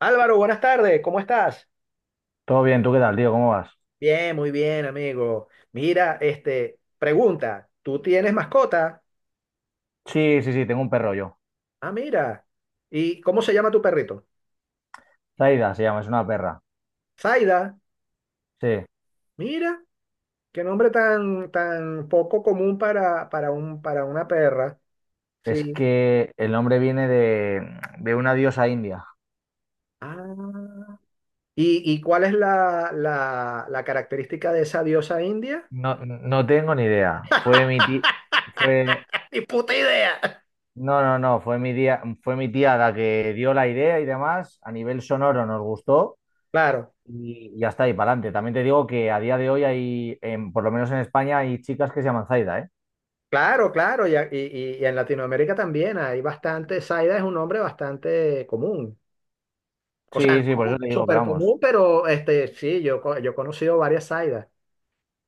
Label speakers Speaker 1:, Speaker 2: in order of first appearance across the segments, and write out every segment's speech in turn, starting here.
Speaker 1: Álvaro, buenas tardes, ¿cómo estás?
Speaker 2: Todo bien, ¿tú qué tal, tío? ¿Cómo vas?
Speaker 1: Bien, muy bien, amigo. Mira, pregunta, ¿tú tienes mascota?
Speaker 2: Sí, sí, sí, tengo un perro yo.
Speaker 1: Ah, mira. ¿Y cómo se llama tu perrito?
Speaker 2: Zaida se llama, es una perra.
Speaker 1: Zaida.
Speaker 2: Sí,
Speaker 1: Mira, qué nombre tan, tan poco común para una perra.
Speaker 2: es
Speaker 1: Sí.
Speaker 2: que el nombre viene de una diosa india.
Speaker 1: Ah. ¿Y, y cuál es la característica de esa diosa india?
Speaker 2: No, no tengo ni idea. Fue mi tía, fue,
Speaker 1: Ni puta idea.
Speaker 2: No, no, no, fue mi tía la que dio la idea y demás. A nivel sonoro nos gustó
Speaker 1: Claro,
Speaker 2: y ya está, y para adelante. También te digo que a día de hoy por lo menos en España, hay chicas que se llaman Zaida, ¿eh?
Speaker 1: claro, claro. Y, y en Latinoamérica también hay bastante, Zaida es un nombre bastante común. O sea,
Speaker 2: Sí, sí, por eso
Speaker 1: no
Speaker 2: te digo, pero
Speaker 1: súper
Speaker 2: vamos.
Speaker 1: común, pero sí, yo he conocido varias Zaidas.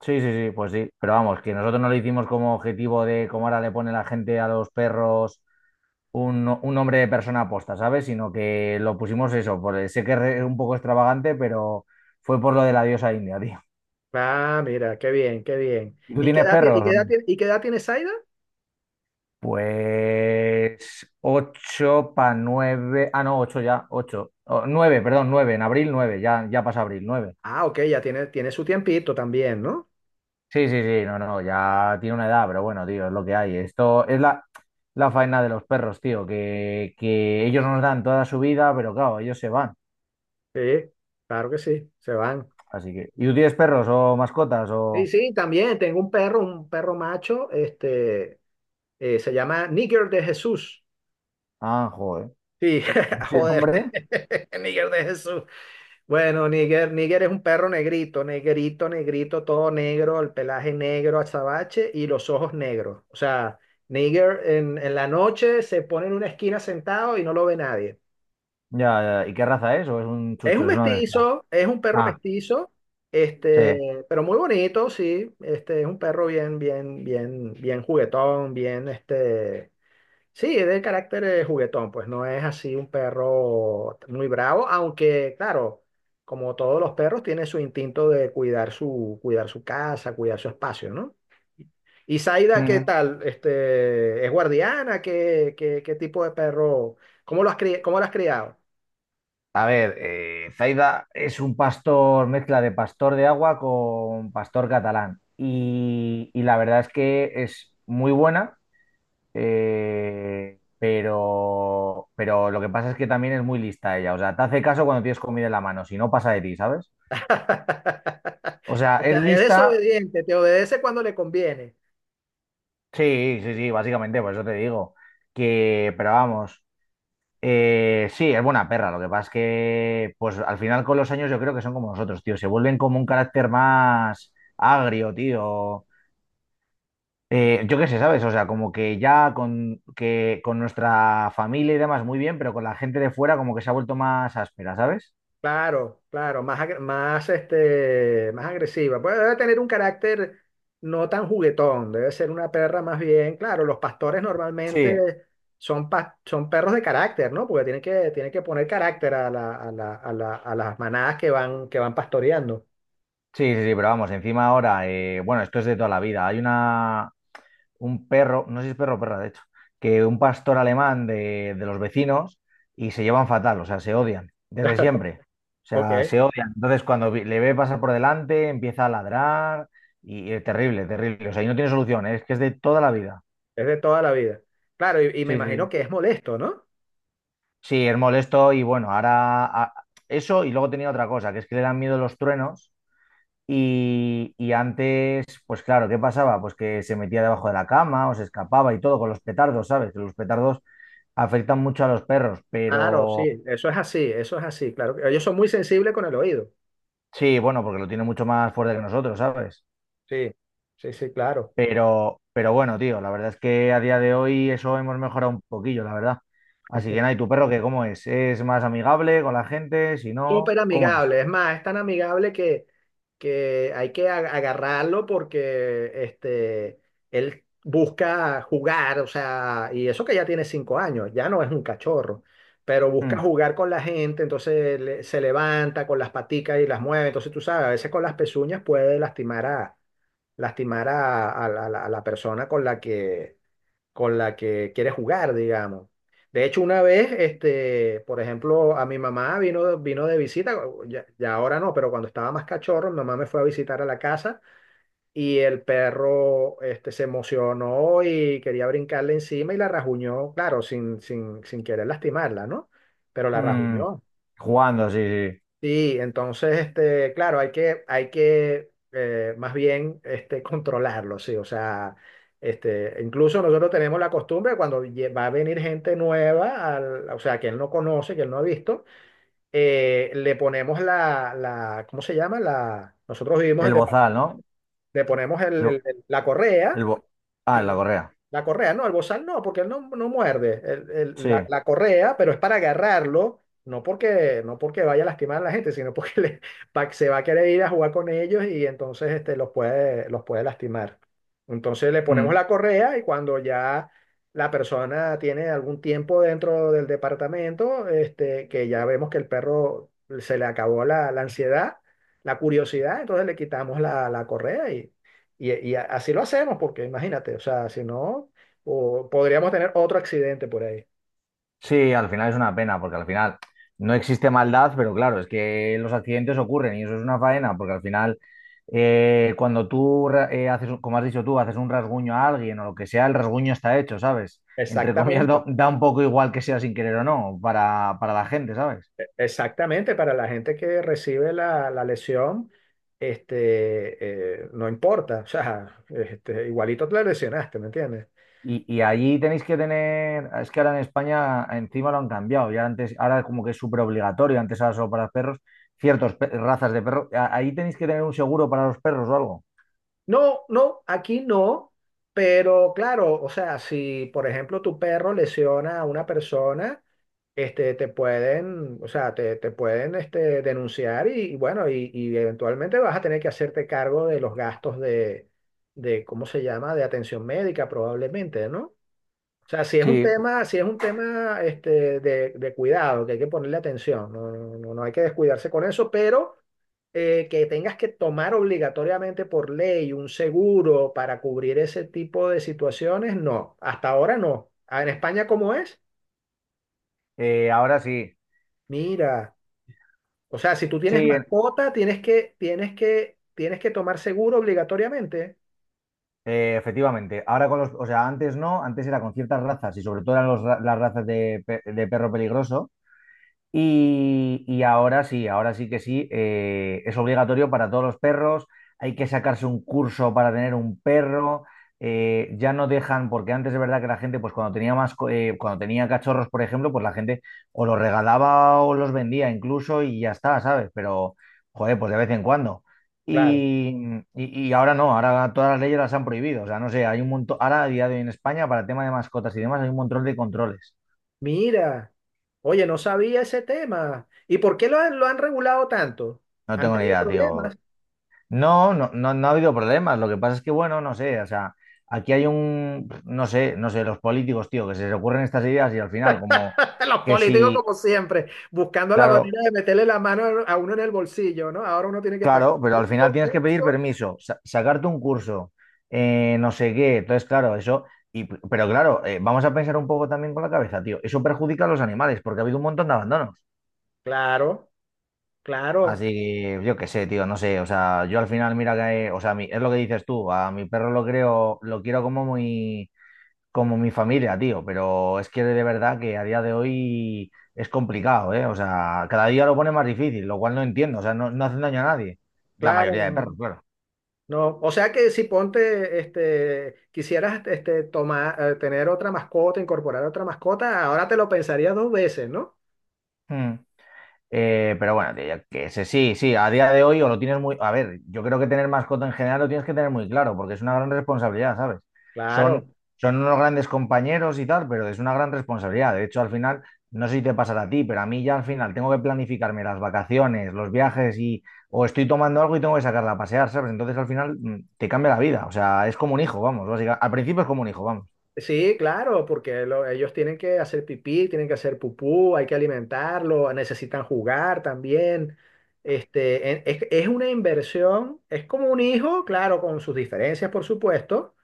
Speaker 2: Sí, sí, sí, pues sí, pero vamos, que nosotros no lo hicimos como objetivo de como ahora le pone la gente a los perros un nombre de persona aposta, ¿sabes? Sino que lo pusimos eso, sé que es un poco extravagante, pero fue por lo de la diosa india, tío.
Speaker 1: Ah, mira, qué bien, qué bien.
Speaker 2: ¿Y tú
Speaker 1: ¿Y qué
Speaker 2: tienes
Speaker 1: edad, tie- y
Speaker 2: perros
Speaker 1: qué
Speaker 2: o no?
Speaker 1: edad, tie- y qué edad tiene Zaida?
Speaker 2: Pues ocho para nueve, ah no, ocho ya, ocho, oh, nueve, perdón, nueve, en abril nueve, ya, ya pasa abril, nueve.
Speaker 1: Ah, ok, tiene su tiempito también, ¿no?
Speaker 2: Sí, sí, sí, no, no, ya tiene una edad, pero bueno, tío, es lo que hay. Esto es la faena de los perros, tío, que ellos nos dan toda su vida, pero claro, ellos se van.
Speaker 1: Sí, claro que sí, se van.
Speaker 2: Así que, ¿y tú tienes perros o mascotas
Speaker 1: Sí,
Speaker 2: o?
Speaker 1: sí, también tengo un perro macho, se llama Nigger de Jesús.
Speaker 2: Ah, joder.
Speaker 1: Sí,
Speaker 2: Sí,
Speaker 1: joder,
Speaker 2: hombre.
Speaker 1: Nigger de Jesús. Bueno, Níger es un perro negrito, negrito, negrito, todo negro, el pelaje negro, azabache y los ojos negros. O sea, Níger en la noche se pone en una esquina sentado y no lo ve nadie.
Speaker 2: Ya, ya, ¿y qué raza es? ¿O es un
Speaker 1: Es un
Speaker 2: chucho? Es una mezcla.
Speaker 1: mestizo, es un perro
Speaker 2: Ah,
Speaker 1: mestizo,
Speaker 2: sí.
Speaker 1: pero muy bonito, sí. Es un perro bien juguetón, bien. Sí, es de carácter juguetón, pues no es así un perro muy bravo, aunque claro, como todos los perros, tiene su instinto de cuidar su casa, cuidar su espacio, ¿no? ¿Y Zaida qué
Speaker 2: Mm.
Speaker 1: tal? Este, ¿es guardiana? ¿Qué tipo de perro? ¿Cómo cómo lo has criado?
Speaker 2: A ver, Zaida es un pastor, mezcla de pastor de agua con pastor catalán. Y la verdad es que es muy buena. Pero lo que pasa es que también es muy lista ella. O sea, te hace caso cuando tienes comida en la mano, si no pasa de ti, ¿sabes? O sea,
Speaker 1: O
Speaker 2: es
Speaker 1: sea, es
Speaker 2: lista,
Speaker 1: desobediente, te obedece cuando le conviene.
Speaker 2: sí, sí, sí, básicamente, por eso te digo. Que, pero vamos, sí, es buena perra. Lo que pasa es que, pues al final con los años yo creo que son como nosotros, tío. Se vuelven como un carácter más agrio, tío. Yo qué sé, ¿sabes? O sea, como que ya con, que, con nuestra familia y demás muy bien, pero con la gente de fuera como que se ha vuelto más áspera, ¿sabes?
Speaker 1: Claro, claro, más agresiva. Pues debe tener un carácter no tan juguetón, debe ser una perra más bien. Claro, los pastores normalmente
Speaker 2: Sí,
Speaker 1: son perros de carácter, ¿no? Porque tienen que poner carácter a, a las manadas que van pastoreando.
Speaker 2: sí, sí, sí, pero vamos, encima ahora, bueno, esto es de toda la vida. Hay un perro, no sé si es perro o perra, de hecho, que un pastor alemán de los vecinos y se llevan fatal, o sea, se odian desde siempre. O
Speaker 1: Ok.
Speaker 2: sea,
Speaker 1: Es
Speaker 2: se odian. Entonces, cuando le ve pasar por delante, empieza a ladrar y es terrible, terrible. O sea, y no tiene solución, ¿eh? Es que es de toda la vida.
Speaker 1: de toda la vida. Claro, y me
Speaker 2: Sí, sí.
Speaker 1: imagino
Speaker 2: Sí,
Speaker 1: que es molesto, ¿no?
Speaker 2: sí, es molesto y bueno, ahora eso y luego tenía otra cosa, que es que le dan miedo los truenos. Y antes, pues claro, ¿qué pasaba? Pues que se metía debajo de la cama o se escapaba y todo con los petardos, ¿sabes? Que los petardos afectan mucho a los perros,
Speaker 1: Claro,
Speaker 2: pero
Speaker 1: sí, eso es así, claro. Ellos son muy sensibles con el oído.
Speaker 2: sí, bueno, porque lo tiene mucho más fuerte que nosotros, ¿sabes?
Speaker 1: Sí, sí, sí, claro.
Speaker 2: Pero bueno, tío, la verdad es que a día de hoy eso hemos mejorado un poquillo, la verdad. Así que nada, ¿y tu perro qué? ¿Cómo es? ¿Es más amigable con la gente? Si
Speaker 1: Súper
Speaker 2: no, ¿cómo es?
Speaker 1: amigable. Es más, es tan amigable que hay que agarrarlo porque él busca jugar, o sea, y eso que ya tiene 5 años, ya no es un cachorro, pero busca
Speaker 2: Mm,
Speaker 1: jugar con la gente, entonces se levanta con las paticas y las mueve. Entonces tú sabes, a veces con las pezuñas puede lastimar a, a la persona con la que quiere jugar, digamos. De hecho, una vez, por ejemplo, a mi mamá vino de visita, ya ahora no, pero cuando estaba más cachorro, mi mamá me fue a visitar a la casa y el perro, se emocionó y quería brincarle encima y la rajuñó, claro, sin querer lastimarla, ¿no? Pero la
Speaker 2: mm,
Speaker 1: rajuñó.
Speaker 2: jugando, sí, sí.
Speaker 1: Sí, entonces, claro, hay que más bien controlarlo, sí. O sea, incluso nosotros tenemos la costumbre cuando va a venir gente nueva, o sea, que él no conoce, que él no ha visto, le ponemos ¿cómo se llama? La, nosotros vivimos en,
Speaker 2: El
Speaker 1: depa-
Speaker 2: bozal, ¿no?
Speaker 1: Le ponemos
Speaker 2: El,
Speaker 1: la correa.
Speaker 2: el bo- Ah, en la
Speaker 1: Sí.
Speaker 2: correa.
Speaker 1: La correa, no, el bozal no, porque él no, no muerde.
Speaker 2: Sí.
Speaker 1: La correa, pero es para agarrarlo, no porque vaya a lastimar a la gente, sino porque se va a querer ir a jugar con ellos y entonces los puede lastimar. Entonces le
Speaker 2: Hmm.
Speaker 1: ponemos la correa y cuando ya la persona tiene algún tiempo dentro del departamento, que ya vemos que el perro se le acabó la ansiedad, la curiosidad, entonces le quitamos la correa y, así lo hacemos, porque imagínate, o sea, si no, o podríamos tener otro accidente por ahí.
Speaker 2: Sí, al final es una pena, porque al final no existe maldad, pero claro, es que los accidentes ocurren y eso es una faena, porque al final cuando tú ra- haces, un- como has dicho tú, haces un rasguño a alguien o lo que sea, el rasguño está hecho, ¿sabes? Entre comillas, da,
Speaker 1: Exactamente,
Speaker 2: da un poco igual que sea sin querer o no para la gente, ¿sabes?
Speaker 1: exactamente. Para la gente que recibe la lesión, no importa, o sea, igualito te la lesionaste, ¿me entiendes?
Speaker 2: Y allí tenéis que tener, es que ahora en España encima lo han cambiado, ya antes, ahora como que es súper obligatorio, antes era solo para los perros, ciertas razas de perros, ahí tenéis que tener un seguro para los perros o algo.
Speaker 1: No, no, aquí no, pero claro, o sea, si por ejemplo tu perro lesiona a una persona, te pueden, o sea, te pueden denunciar y bueno, y eventualmente vas a tener que hacerte cargo de los gastos de, ¿cómo se llama?, de atención médica probablemente, ¿no? O sea,
Speaker 2: Sí.
Speaker 1: si es un tema de cuidado, que hay que ponerle atención, no hay que descuidarse con eso, pero que tengas que tomar obligatoriamente por ley un seguro para cubrir ese tipo de situaciones, no, hasta ahora no. Ah, ¿en España cómo es?
Speaker 2: Ahora sí,
Speaker 1: Mira. O sea, si tú tienes
Speaker 2: sí,
Speaker 1: mascota, tienes que tomar seguro obligatoriamente.
Speaker 2: efectivamente. Ahora con los, o sea, antes no, antes era con ciertas razas y sobre todo eran las razas de perro peligroso. Y ahora sí que sí, es obligatorio para todos los perros. Hay que sacarse un curso para tener un perro. Ya no dejan, porque antes es verdad que la gente, pues cuando tenía cachorros, por ejemplo, pues la gente o los regalaba o los vendía incluso y ya está, ¿sabes? Pero, joder, pues de vez en cuando.
Speaker 1: Claro.
Speaker 2: Y ahora no, ahora todas las leyes las han prohibido. O sea, no sé, hay un montón, ahora a día de hoy en España, para el tema de mascotas y demás, hay un montón de controles.
Speaker 1: Mira, oye, no sabía ese tema. ¿Y por qué lo han regulado tanto?
Speaker 2: No
Speaker 1: Han
Speaker 2: tengo ni
Speaker 1: tenido
Speaker 2: idea,
Speaker 1: problemas.
Speaker 2: tío. No, no, no, no ha habido problemas. Lo que pasa es que, bueno, no sé, o sea, aquí hay un, no sé, no sé, los políticos, tío, que se les ocurren estas ideas y al final, como
Speaker 1: Los
Speaker 2: que
Speaker 1: políticos,
Speaker 2: si,
Speaker 1: como siempre, buscando la
Speaker 2: claro,
Speaker 1: manera de meterle la mano a uno en el bolsillo, ¿no? Ahora uno tiene que pagar
Speaker 2: claro, pero al final
Speaker 1: seguro,
Speaker 2: tienes que pedir
Speaker 1: curso.
Speaker 2: permiso, sacarte un curso, no sé qué. Entonces, claro, eso, y, pero claro, vamos a pensar un poco también con la cabeza, tío. Eso perjudica a los animales porque ha habido un montón de abandonos.
Speaker 1: Claro,
Speaker 2: Así
Speaker 1: claro,
Speaker 2: que yo qué sé, tío, no sé, o sea, yo al final, mira que, o sea, es lo que dices tú, a mi perro lo creo, lo quiero como muy como mi familia, tío, pero es que de verdad que a día de hoy es complicado, ¿eh? O sea, cada día lo pone más difícil, lo cual no entiendo, o sea, no, no hacen daño a nadie. La
Speaker 1: claro.
Speaker 2: mayoría de
Speaker 1: No,
Speaker 2: perros,
Speaker 1: no.
Speaker 2: claro.
Speaker 1: No, o sea que si ponte, quisieras, tomar, tener otra mascota, incorporar otra mascota, ahora te lo pensarías dos veces, ¿no?
Speaker 2: Mm. Pero bueno, tío, yo qué sé, sí, sí, a día de hoy o lo tienes muy. A ver, yo creo que tener mascota en general lo tienes que tener muy claro, porque es una gran responsabilidad, ¿sabes?
Speaker 1: Claro,
Speaker 2: Son unos grandes compañeros y tal, pero es una gran responsabilidad. De hecho, al final, no sé si te pasará a ti, pero a mí ya al final tengo que planificarme las vacaciones, los viajes y. O estoy tomando algo y tengo que sacarla a pasear, ¿sabes? Entonces al final te cambia la vida. O sea, es como un hijo, vamos, básicamente. Al principio es como un hijo, vamos.
Speaker 1: sí, claro, porque ellos tienen que hacer pipí, tienen que hacer pupú, hay que alimentarlo, necesitan jugar también. Es una inversión, es como un hijo, claro, con sus diferencias, por supuesto,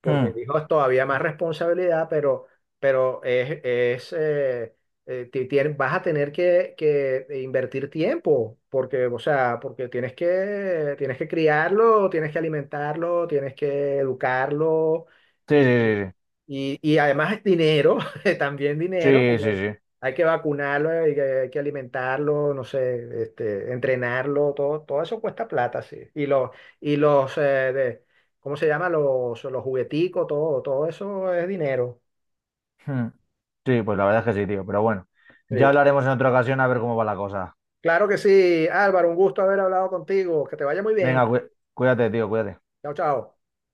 Speaker 1: porque
Speaker 2: Mm,
Speaker 1: dijo es todavía más responsabilidad, pero es vas a tener que invertir tiempo, porque, o sea, porque tienes que criarlo, tienes que alimentarlo, tienes que educarlo
Speaker 2: sí,
Speaker 1: y,
Speaker 2: sí,
Speaker 1: y además dinero, también dinero,
Speaker 2: sí, sí. Sí,
Speaker 1: porque
Speaker 2: sí, sí.
Speaker 1: hay que vacunarlo, hay que alimentarlo, no sé, entrenarlo, todo eso cuesta plata, sí. Y los, eh, ¿Cómo se llama? Los jugueticos, todo eso es dinero.
Speaker 2: Hmm. Sí, pues la verdad es que sí, tío. Pero bueno, ya
Speaker 1: Sí.
Speaker 2: hablaremos en otra ocasión a ver cómo va la cosa.
Speaker 1: Claro que sí, Álvaro, un gusto haber hablado contigo. Que te vaya muy bien.
Speaker 2: Venga, cuídate, tío, cuídate.
Speaker 1: Chao, chao.